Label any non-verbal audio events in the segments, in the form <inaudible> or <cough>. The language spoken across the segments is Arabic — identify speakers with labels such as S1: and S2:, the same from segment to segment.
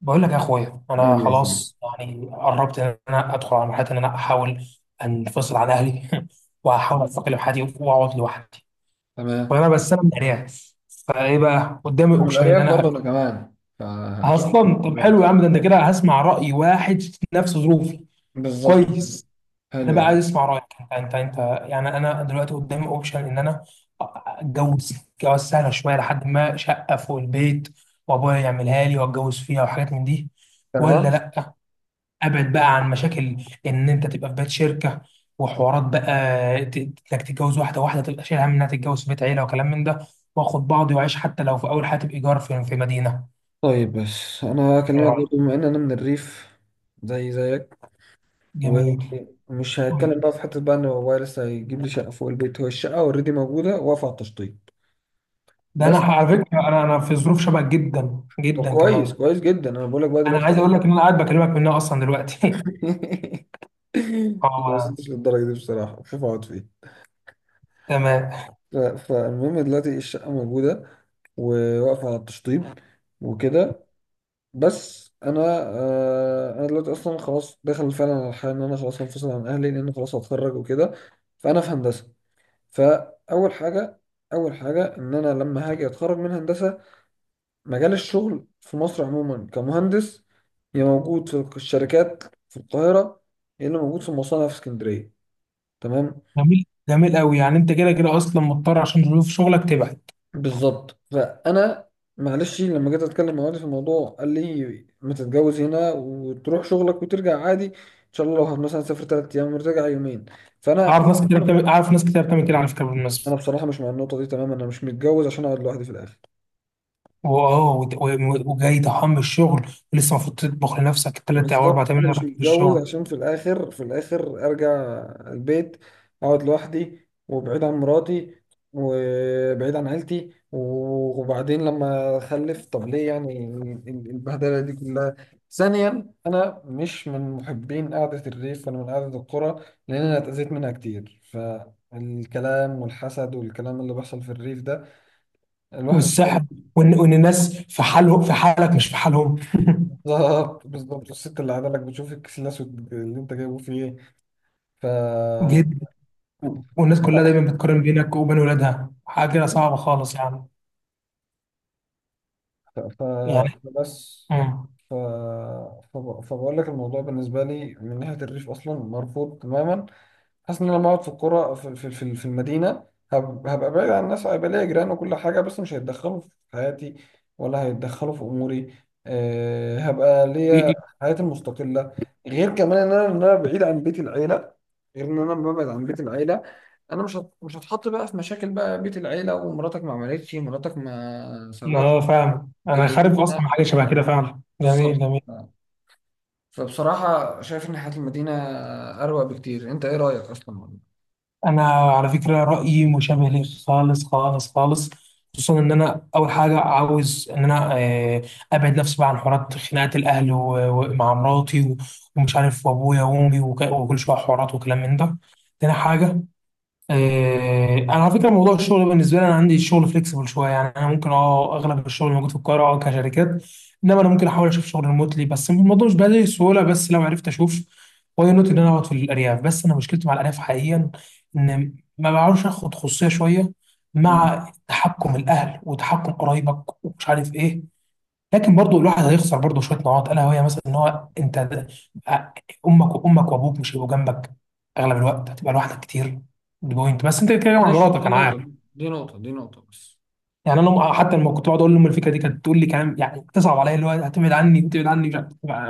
S1: بقول لك يا اخويا، انا
S2: موجودة فين؟
S1: خلاص يعني قربت ان انا ادخل على مرحله ان انا احاول انفصل عن اهلي. <laughs> واحاول استقل بحياتي واقعد لوحدي،
S2: تمام.
S1: فانا بس انا مقنع، فايه بقى قدامي
S2: انا من
S1: اوبشن ان
S2: الارياف
S1: انا
S2: برضه
S1: أكل.
S2: انا كمان، فاكيد.
S1: اصلا طب حلو
S2: دلوقتي
S1: يا عم، ده انت كده هسمع راي واحد في نفس ظروفي.
S2: بالظبط كده.
S1: كويس. انا
S2: حلو
S1: بقى عايز
S2: ده.
S1: اسمع رايك انت. يعني انا دلوقتي قدامي اوبشن ان انا اتجوز، جواز سهله شويه، لحد ما شقه فوق البيت وابويا يعملها لي واتجوز فيها وحاجات من دي، ولا
S2: تمام.
S1: لا ابعد بقى عن مشاكل ان انت تبقى في بيت شركه وحوارات بقى، ت- انك تتجوز واحده، واحده تبقى شايل هم انها تتجوز في بيت عيله وكلام من ده، واخد بعضي واعيش حتى لو في اول حياتي بايجار في مدينه.
S2: طيب، بس انا
S1: ايه
S2: هكلمك
S1: رايك؟
S2: برضه بما ان انا من الريف زي زيك،
S1: جميل.
S2: ومش هتكلم بقى في حته بقى ان بابايا لسه هيجيب لي شقه فوق البيت، هو الشقه اوريدي موجوده واقفه على التشطيب.
S1: ده انا
S2: بس.
S1: على فكره انا في ظروف شبه جدا
S2: طب
S1: جدا
S2: كويس،
S1: كمان.
S2: كويس جدا، انا بقول لك بقى
S1: انا
S2: دلوقتي.
S1: عايز اقول لك ان انا قاعد بكلمك منها اصلا دلوقتي.
S2: <laughs> ما
S1: <laughs> اه.
S2: وصلتش للدرجه دي بصراحه، شوف اقعد فين.
S1: تمام.
S2: فالمهم دلوقتي الشقة موجودة وواقفة على التشطيب وكده. بس أنا دلوقتي أصلا خلاص داخل فعلا على الحياة، إن أنا خلاص هنفصل عن أهلي لأن خلاص هتخرج وكده. فأنا في هندسة، فأول حاجة، أول حاجة إن أنا لما هاجي أتخرج من هندسة، مجال الشغل في مصر عموما كمهندس يا موجود في الشركات في القاهرة، يا إلا موجود في المصانع في اسكندرية. تمام،
S1: جميل جميل قوي، يعني انت كده كده اصلا مضطر عشان ظروف شغلك تبعد.
S2: بالظبط. فانا معلش، لما جيت اتكلم مع والدي في الموضوع قال لي ما تتجوز هنا وتروح شغلك وترجع عادي، ان شاء الله لو مثلا تسافر 3 ايام وترجع يومين. فانا
S1: اعرف ناس كتير
S2: مش-
S1: بتعمل، اعرف ناس كتير بتعمل كده على فكره
S2: انا
S1: بالمناسبه.
S2: بصراحه مش مع النقطه دي تماما، انا مش متجوز عشان اقعد لوحدي في الاخر.
S1: واه وت- و- وجاي ضحام من الشغل ولسه المفروض تطبخ لنفسك ثلاث او اربع
S2: بالظبط،
S1: تمن
S2: انا
S1: ساعات
S2: مش
S1: في
S2: متجوز
S1: الشغل.
S2: عشان في الاخر، في الاخر ارجع البيت اقعد لوحدي وبعيد عن مراتي وبعيد عن عيلتي، وبعدين لما اخلف طب ليه؟ يعني البهدله دي كلها. ثانيا، انا مش من محبين قعده الريف، انا من قعده القرى، لان انا اتاذيت منها كتير، فالكلام والحسد والكلام اللي بيحصل في الريف ده الواحد.
S1: والسحب، وان الناس في حالهم، في حالك مش في حالهم.
S2: بالظبط، بالظبط. الست اللي قاعده لك بتشوف الكسلاس اللي انت جايبه فيه.
S1: <laughs>
S2: ايه.
S1: جد. والناس كلها
S2: لا.
S1: دايما بتقارن بينك وبين ولادها، حاجه صعبه خالص يعني.
S2: ف- ف-
S1: يعني
S2: فبس.
S1: امم
S2: ف... فبقول لك الموضوع بالنسبة لي من ناحية الريف أصلا مرفوض تماما. حاسس إن أنا لما أقعد في القرى في المدينة، هبقى بعيد عن الناس، هيبقى ليا جيران وكل حاجة بس مش هيتدخلوا في حياتي ولا هيتدخلوا في أموري. هبقى ليا
S1: إيه.
S2: حياتي المستقلة، غير كمان إن أنا بعيد عن بيت العيلة، غير إن أنا ببعد عن بيت العيلة. أنا مش هتحط بقى في مشاكل بقى بيت العيلة، ومراتك ما عملتش مراتك ما
S1: <laughs>
S2: سوتش.
S1: اه فاهم،
S2: ده
S1: انا خارج اصلا
S2: ضايقتنا،
S1: من حاجه شبه كده فعلا. جميل
S2: بالظبط.
S1: جميل.
S2: فبصراحة شايف إن حياة المدينة أروق بكتير، أنت إيه رأيك أصلا؟
S1: انا على فكره رايي مشابه ليك خالص خالص خالص، خصوصا ان انا اول حاجه عاوز ان انا ابعد نفسي بقى عن حوارات خناقات الاهل، ومع مراتي ومش عارف، وابويا وامي، وكل شويه حوارات وكلام من ده. تاني حاجه، انا على فكره موضوع الشغل بالنسبه لي، انا عندي الشغل فليكسبل شويه، يعني انا ممكن اه اغلب الشغل موجود في القاهره اه كشركات، انما انا ممكن احاول اشوف شغل ريموتلي، بس الموضوع مش بهذه السهوله، بس لو عرفت اشوف واي نوت ان انا اقعد في الارياف. بس انا مشكلتي مع الارياف حقيقيا ان ما بعرفش اخد خصوصيه شويه
S2: مم.
S1: مع تحكم الاهل وتحكم قرايبك ومش عارف ايه. لكن برضو الواحد هيخسر برضو شويه نقاط، الا وهي مثلا ان هو انت امك، وابوك مش هيبقوا جنبك، اغلب الوقت هتبقى لوحدك كتير. دي بوينت، بس انت بتتكلم عن
S2: ماشي،
S1: مراتك
S2: دي
S1: انا
S2: نقطة
S1: عارف.
S2: دي نقطة دي نقطة بس.
S1: يعني انا حتى لما كنت بقعد اقول لام الفكره دي كانت تقول لي كلام، يعني تصعب عليا، اللي هو هتبعد عني، تبعد عني مش عارف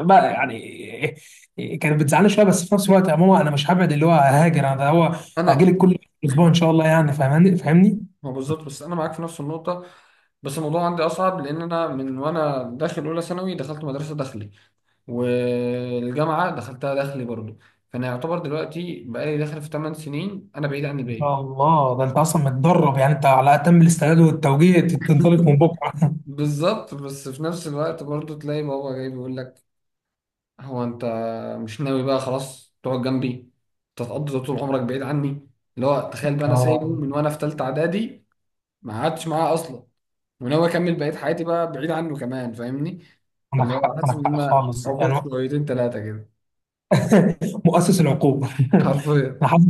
S1: بقى يعني. إيه- إيه، كانت بتزعلني شويه بس في نفس الوقت يا ماما انا مش هبعد، اللي هو هاجر، انا ده هو هاجي
S2: أنا
S1: لك كل اسبوع ان شاء الله، يعني فاهماني فاهمني.
S2: ما بالظبط، بس أنا معاك في نفس النقطة، بس الموضوع عندي أصعب لأن أنا من وأنا داخل أولى ثانوي دخلت مدرسة داخلي، والجامعة دخلتها داخلي برضه، فأنا يعتبر دلوقتي بقالي داخل في 8 سنين أنا بعيد عن
S1: ان
S2: الباقي.
S1: شاء الله، ده انت اصلا متدرب، يعني انت على اتم الاستعداد والتوجيه تنطلق من بكره.
S2: بالظبط، بس في نفس الوقت برضه تلاقي بابا جاي بيقول لك: هو انت مش ناوي بقى خلاص تقعد جنبي، تتقضي طول عمرك بعيد عني؟ اللي هو تخيل بقى، انا سايبه
S1: اه
S2: من وانا في تالتة اعدادي، ما قعدتش معاه اصلا، وناوي اكمل بقية حياتي بقى بعيد عنه كمان، فاهمني.
S1: عندك
S2: فاللي
S1: حق،
S2: هو حاسس
S1: عندك
S2: ان
S1: حق
S2: انا
S1: خالص يعني.
S2: عقوق شويتين تلاتة كده،
S1: <laughs> مؤسس العقوبة. <laughs>
S2: حرفيا.
S1: أنا حاسس،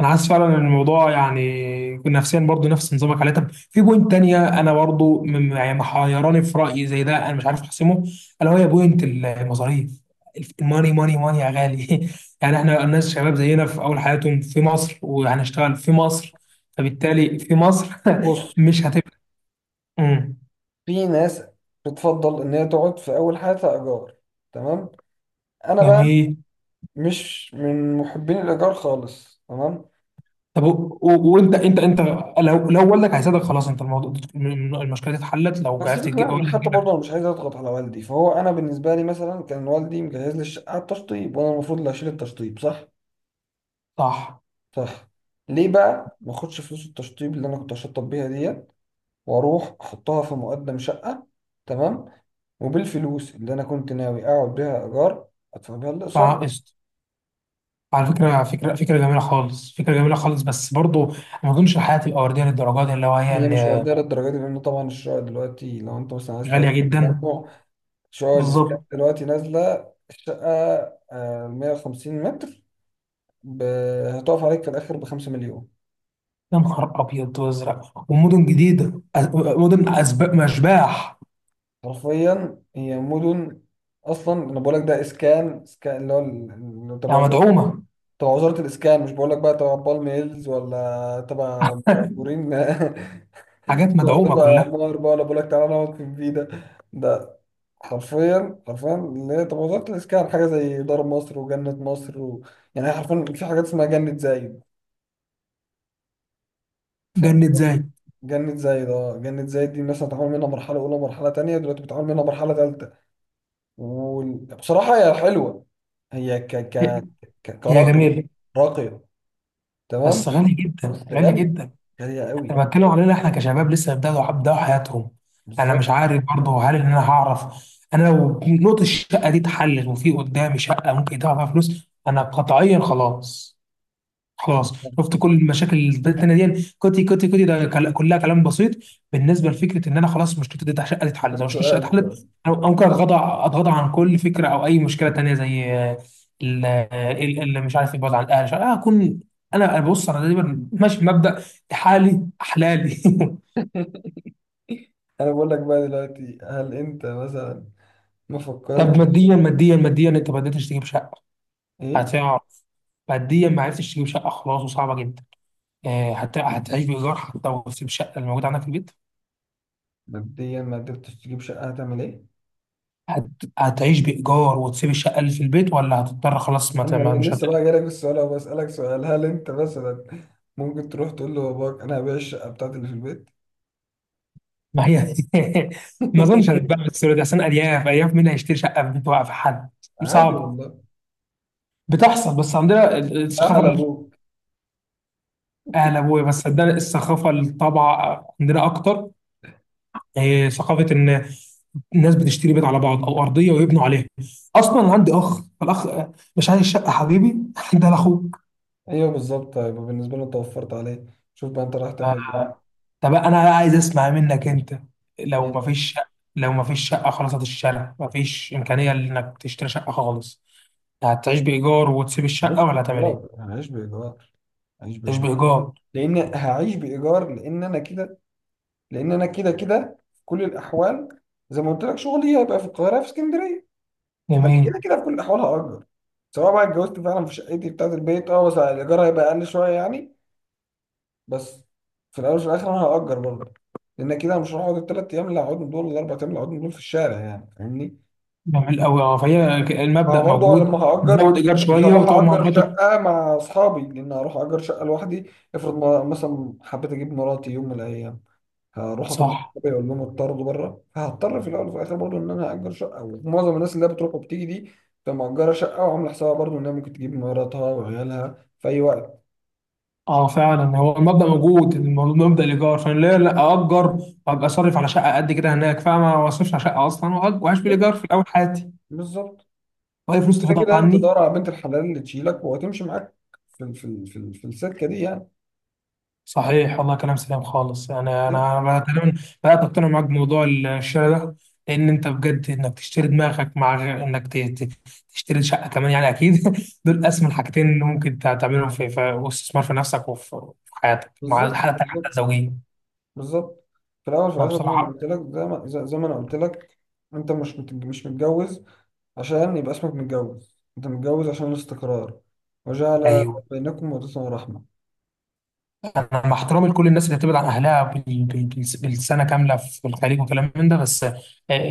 S1: أنا حاسس فعلا إن الموضوع يعني نفسيا برضو نفس نظامك عليه. طب في بوينت تانية أنا برضو يعني محيراني في رأيي زي ده، أنا مش عارف أحسمه، ألا وهي بوينت المصاريف، الماني ماني ماني يا غالي. <laughs> يعني إحنا الناس شباب زينا في أول حياتهم في مصر وهنشتغل في مصر، فبالتالي في مصر. <laughs>
S2: بص،
S1: مش هتبقى. مم.
S2: في ناس بتفضل ان هي تقعد في اول حياتها ايجار. تمام. انا بقى
S1: جميل.
S2: مش من محبين الايجار خالص. تمام.
S1: طب و- و- وانت انت، لو لو والدك هيساعدك خلاص، انت الموضوع، المشكله دي اتحلت لو عرفت
S2: هسيبك.
S1: تجيب
S2: لا
S1: والدك
S2: حتى
S1: تجيب
S2: برضه
S1: لك.
S2: انا مش عايز اضغط على والدي، فهو انا بالنسبه لي مثلا كان والدي مجهز لي الشقه على التشطيب، وانا المفروض اللي اشيل التشطيب، صح؟
S1: صح.
S2: صح. ليه بقى ما اخدش فلوس التشطيب اللي انا كنت هشطب بيها ديت واروح احطها في مقدم شقه؟ تمام. وبالفلوس اللي انا كنت ناوي اقعد بيها ايجار ادفع بيها الاقساط.
S1: فقشط. على فكره فكره جميله خالص، فكره جميله خالص، بس برضو ما اظنش الحياه تبقى ورديه للدرجه دي اللي هو هي
S2: هي مش
S1: ان.
S2: ورديه للدرجه دي لان طبعا الشقق دلوقتي لو انت مثلا عايز
S1: غاليه
S2: تقعد في
S1: جدا.
S2: تجمع، شقق الاسكان
S1: بالظبط.
S2: دلوقتي نازله الشقه 150 متر ب... هتقف عليك في الآخر بخمسة مليون.
S1: يا نهار ابيض وازرق، ومدن جديده، مدن اسباب مشباح.
S2: حرفيا هي مدن. أصلا أنا بقول لك ده إسكان، إسكان اللي هو تبع
S1: يعني
S2: وزارة،
S1: مدعومه،
S2: تبع وزارة الإسكان، مش بقول لك بقى تبع بالم هيلز ولا تبع بورين
S1: حاجات
S2: <laughs> ولا
S1: مدعومه
S2: تبع
S1: كلها.
S2: عمار بقى، ولا بقول لك تعالى نقعد في الفيدا. ده حرفيا، حرفيا اللي هي تبع وزارة الإسكان، حاجة زي دار مصر وجنة مصر و... يعني هي حرفيا في حاجات اسمها جنة زايد.
S1: جنة زي.
S2: جنة زايد، اه. جنة زايد دي الناس هتعمل منها مرحلة أولى ومرحلة تانية، دلوقتي بتعمل منها مرحلة تالتة. وبصراحة هي حلوة، هي
S1: هي، هي
S2: كراقية،
S1: جميله
S2: راقية. تمام.
S1: بس غاليه
S2: بس
S1: جدا، غاليه
S2: غالية،
S1: جدا.
S2: غالية قوي.
S1: انا بتكلم علينا احنا كشباب لسه بيبداوا حياتهم. انا
S2: بالظبط.
S1: مش عارف برضه هل ان انا هعرف. انا لو نقطة الشقة دي اتحلت وفي قدامي شقة ممكن يدفع فيها فلوس، انا قطعيا خلاص. خلاص. شفت كل المشاكل اللي بقت التانية دي كوتي كوتي كوتي، ده كلها كلام بسيط بالنسبه لفكره ان انا خلاص مشكلتي دي شقه تتحل. لو
S2: طب
S1: مشكلتي الشقه
S2: سؤال
S1: اتحلت،
S2: سؤال.
S1: انا ممكن اتغاضى، اتغاضى عن كل فكره او اي مشكله تانية زي اللي مش عارف يبعد عن الاهل مش عارف، أنا اكون، انا بص انا دايما ماشي بمبدا حالي احلالي. <laughs>
S2: أنا بقول لك بقى دلوقتي، هل أنت مثلا ما
S1: طب
S2: فكرتش؟
S1: ماديا، ماديا، انت ما قدرتش تجيب شقه،
S2: إيه.
S1: هتقع. ماديا ما عرفتش تجيب شقه خلاص وصعبه جدا، هتعيش بايجار حتى، وتسيب الشقه اللي موجوده عندك في البيت؟
S2: مبدئيا ما قدرتش تجيب شقة هتعمل إيه؟
S1: هت... هتعيش بإيجار وتسيب الشقة اللي في البيت، ولا هتضطر خلاص ما
S2: أنا
S1: مش
S2: لسه بقى جايلك في السؤال أهو، بسألك سؤال: هل أنت مثلا ممكن تروح تقول لباباك أنا هبيع الشقة بتاعتي اللي في البيت؟
S1: ما هي. <laughs> ما أظنش هتتباع
S2: <laughs>
S1: بالسهولة دي، عشان أرياف، أرياف مين هيشتري شقة في بيت واقف حد؟
S2: عادي
S1: صعب.
S2: والله.
S1: بتحصل بس عندنا الثقافة
S2: اهل ابوك.
S1: أهل أبويا، بس عندنا الثقافة، الطبع عندنا أكتر، إيه، ثقافة إن الناس بتشتري بيت على بعض أو أرضية ويبنوا عليها. أصلا أنا عندي أخ، فالأخ مش عايز شقة حبيبي. <laughs> ده لأخوك.
S2: ايوه بالظبط، هيبقى بالنسبه له انت وفرت عليه. شوف بقى انت رايح تعمل ايه بقى.
S1: طب انا بقى عايز اسمع منك انت،
S2: ايه
S1: لو ما
S2: بقى،
S1: فيش، لو ما فيش شقه خلاص هتشتريها، ما فيش امكانيه انك تشتري شقه خالص، هتعيش بايجار وتسيب
S2: هعيش
S1: الشقه، ولا هتعمل
S2: بايجار
S1: ايه؟
S2: هعيش بايجار هعيش
S1: تعيش
S2: بايجار
S1: بايجار.
S2: لان انا كده، لان انا كده كده في كل الاحوال، زي ما قلت لك شغلي هيبقى في القاهره في اسكندريه، فانا
S1: جميل
S2: كده كده في كل الاحوال هاجر، سواء بقى اتجوزت فعلا في شقتي بتاعت البيت، اه بس الايجار هيبقى اقل شويه يعني. بس في الاول وفي الاخر انا هاجر برضه، لان كده أنا مش هقعد الـ 3 ايام اللي هقعدهم دول ولا الـ 4 ايام اللي هقعدهم دول في الشارع، يعني فاهمني.
S1: جميل قوي، اه فهي
S2: ما هو
S1: المبدا
S2: برضه
S1: موجود.
S2: لما هأجر
S1: تزود ايجار
S2: مش
S1: شويه
S2: هروح
S1: وتقعد مع
S2: أجر
S1: مراتك.
S2: شقة مع أصحابي، لأن هروح أجر شقة لوحدي. افرض مثلا حبيت أجيب مراتي يوم من الأيام، هروح أطرد
S1: صح.
S2: صحابي أقول لهم اتطردوا بره؟ فهضطر في الأول وفي الآخر برضه إن أنا أجر شقة، ومعظم الناس اللي هي بتروح وبتيجي دي بتبقى مأجرة شقة وعاملة حسابها برضه إنها ممكن تجيب مراتها وعيالها في أي وقت.
S1: اه فعلا، هو المبدا موجود، الموضوع، مبدا الايجار، فانا ليه لا اجر وابقى صرف على شقه قد كده هناك، فاهمه؟ ما اصرفش على شقه اصلا واعيش
S2: بالظبط،
S1: بالايجار في الاول حياتي،
S2: بالظبط،
S1: واي فلوس
S2: كده
S1: تفضل
S2: كده
S1: عني.
S2: تدور على بنت الحلال اللي تشيلك وهتمشي معاك في السكة دي يعني.
S1: صحيح والله، كلام سليم خالص. انا
S2: بالظبط،
S1: انا تقريبا بدات اقتنع معاك بموضوع الشراء ده، لان انت بجد انك تشتري دماغك، مع غير انك ت- تشتري شقه كمان، يعني اكيد. <laughs> دول اسمى الحاجتين اللي ممكن تعملهم في واستثمار في نفسك وفي في حياتك، مع
S2: بالظبط،
S1: حتى
S2: بالظبط،
S1: الزوجيه.
S2: بالظبط. في الاول في
S1: انا
S2: الاخر زي ما
S1: بصراحه،
S2: قلت لك، زي ما زي زي ما انا قلت لك، انت مش متجوز عشان يبقى اسمك متجوز، انت متجوز عشان الاستقرار، وجعل
S1: ايوه،
S2: بينكم مودة ورحمة.
S1: انا مع احترامي لكل الناس اللي بتبعد عن اهلها بالسنه كامله في الخليج وكلام من ده، بس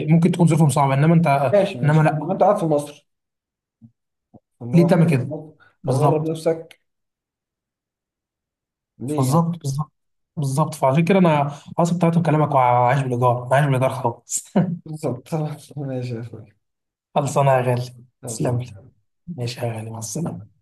S1: ممكن تكون ظروفهم صعبه، انما انت،
S2: ماشي
S1: انما
S2: ماشي، ما
S1: لا،
S2: انت قاعد في مصر، اللي هو
S1: ليه
S2: حاجة
S1: تعمل
S2: في
S1: كده؟
S2: مصر، هتغرب
S1: بالظبط،
S2: نفسك ليه يعني؟
S1: بالظبط، بالظبط. بالظبط، فعشان كده انا اصلا بتاعت كلامك، وعايش بالايجار، عايش بالايجار خالص.
S2: بالظبط. <laughs> ماشي يا اخوي.
S1: <laughs> خلصانه يا غالي. تسلم لي.
S2: خلصان.
S1: ماشي يا غالي، مع السلامه.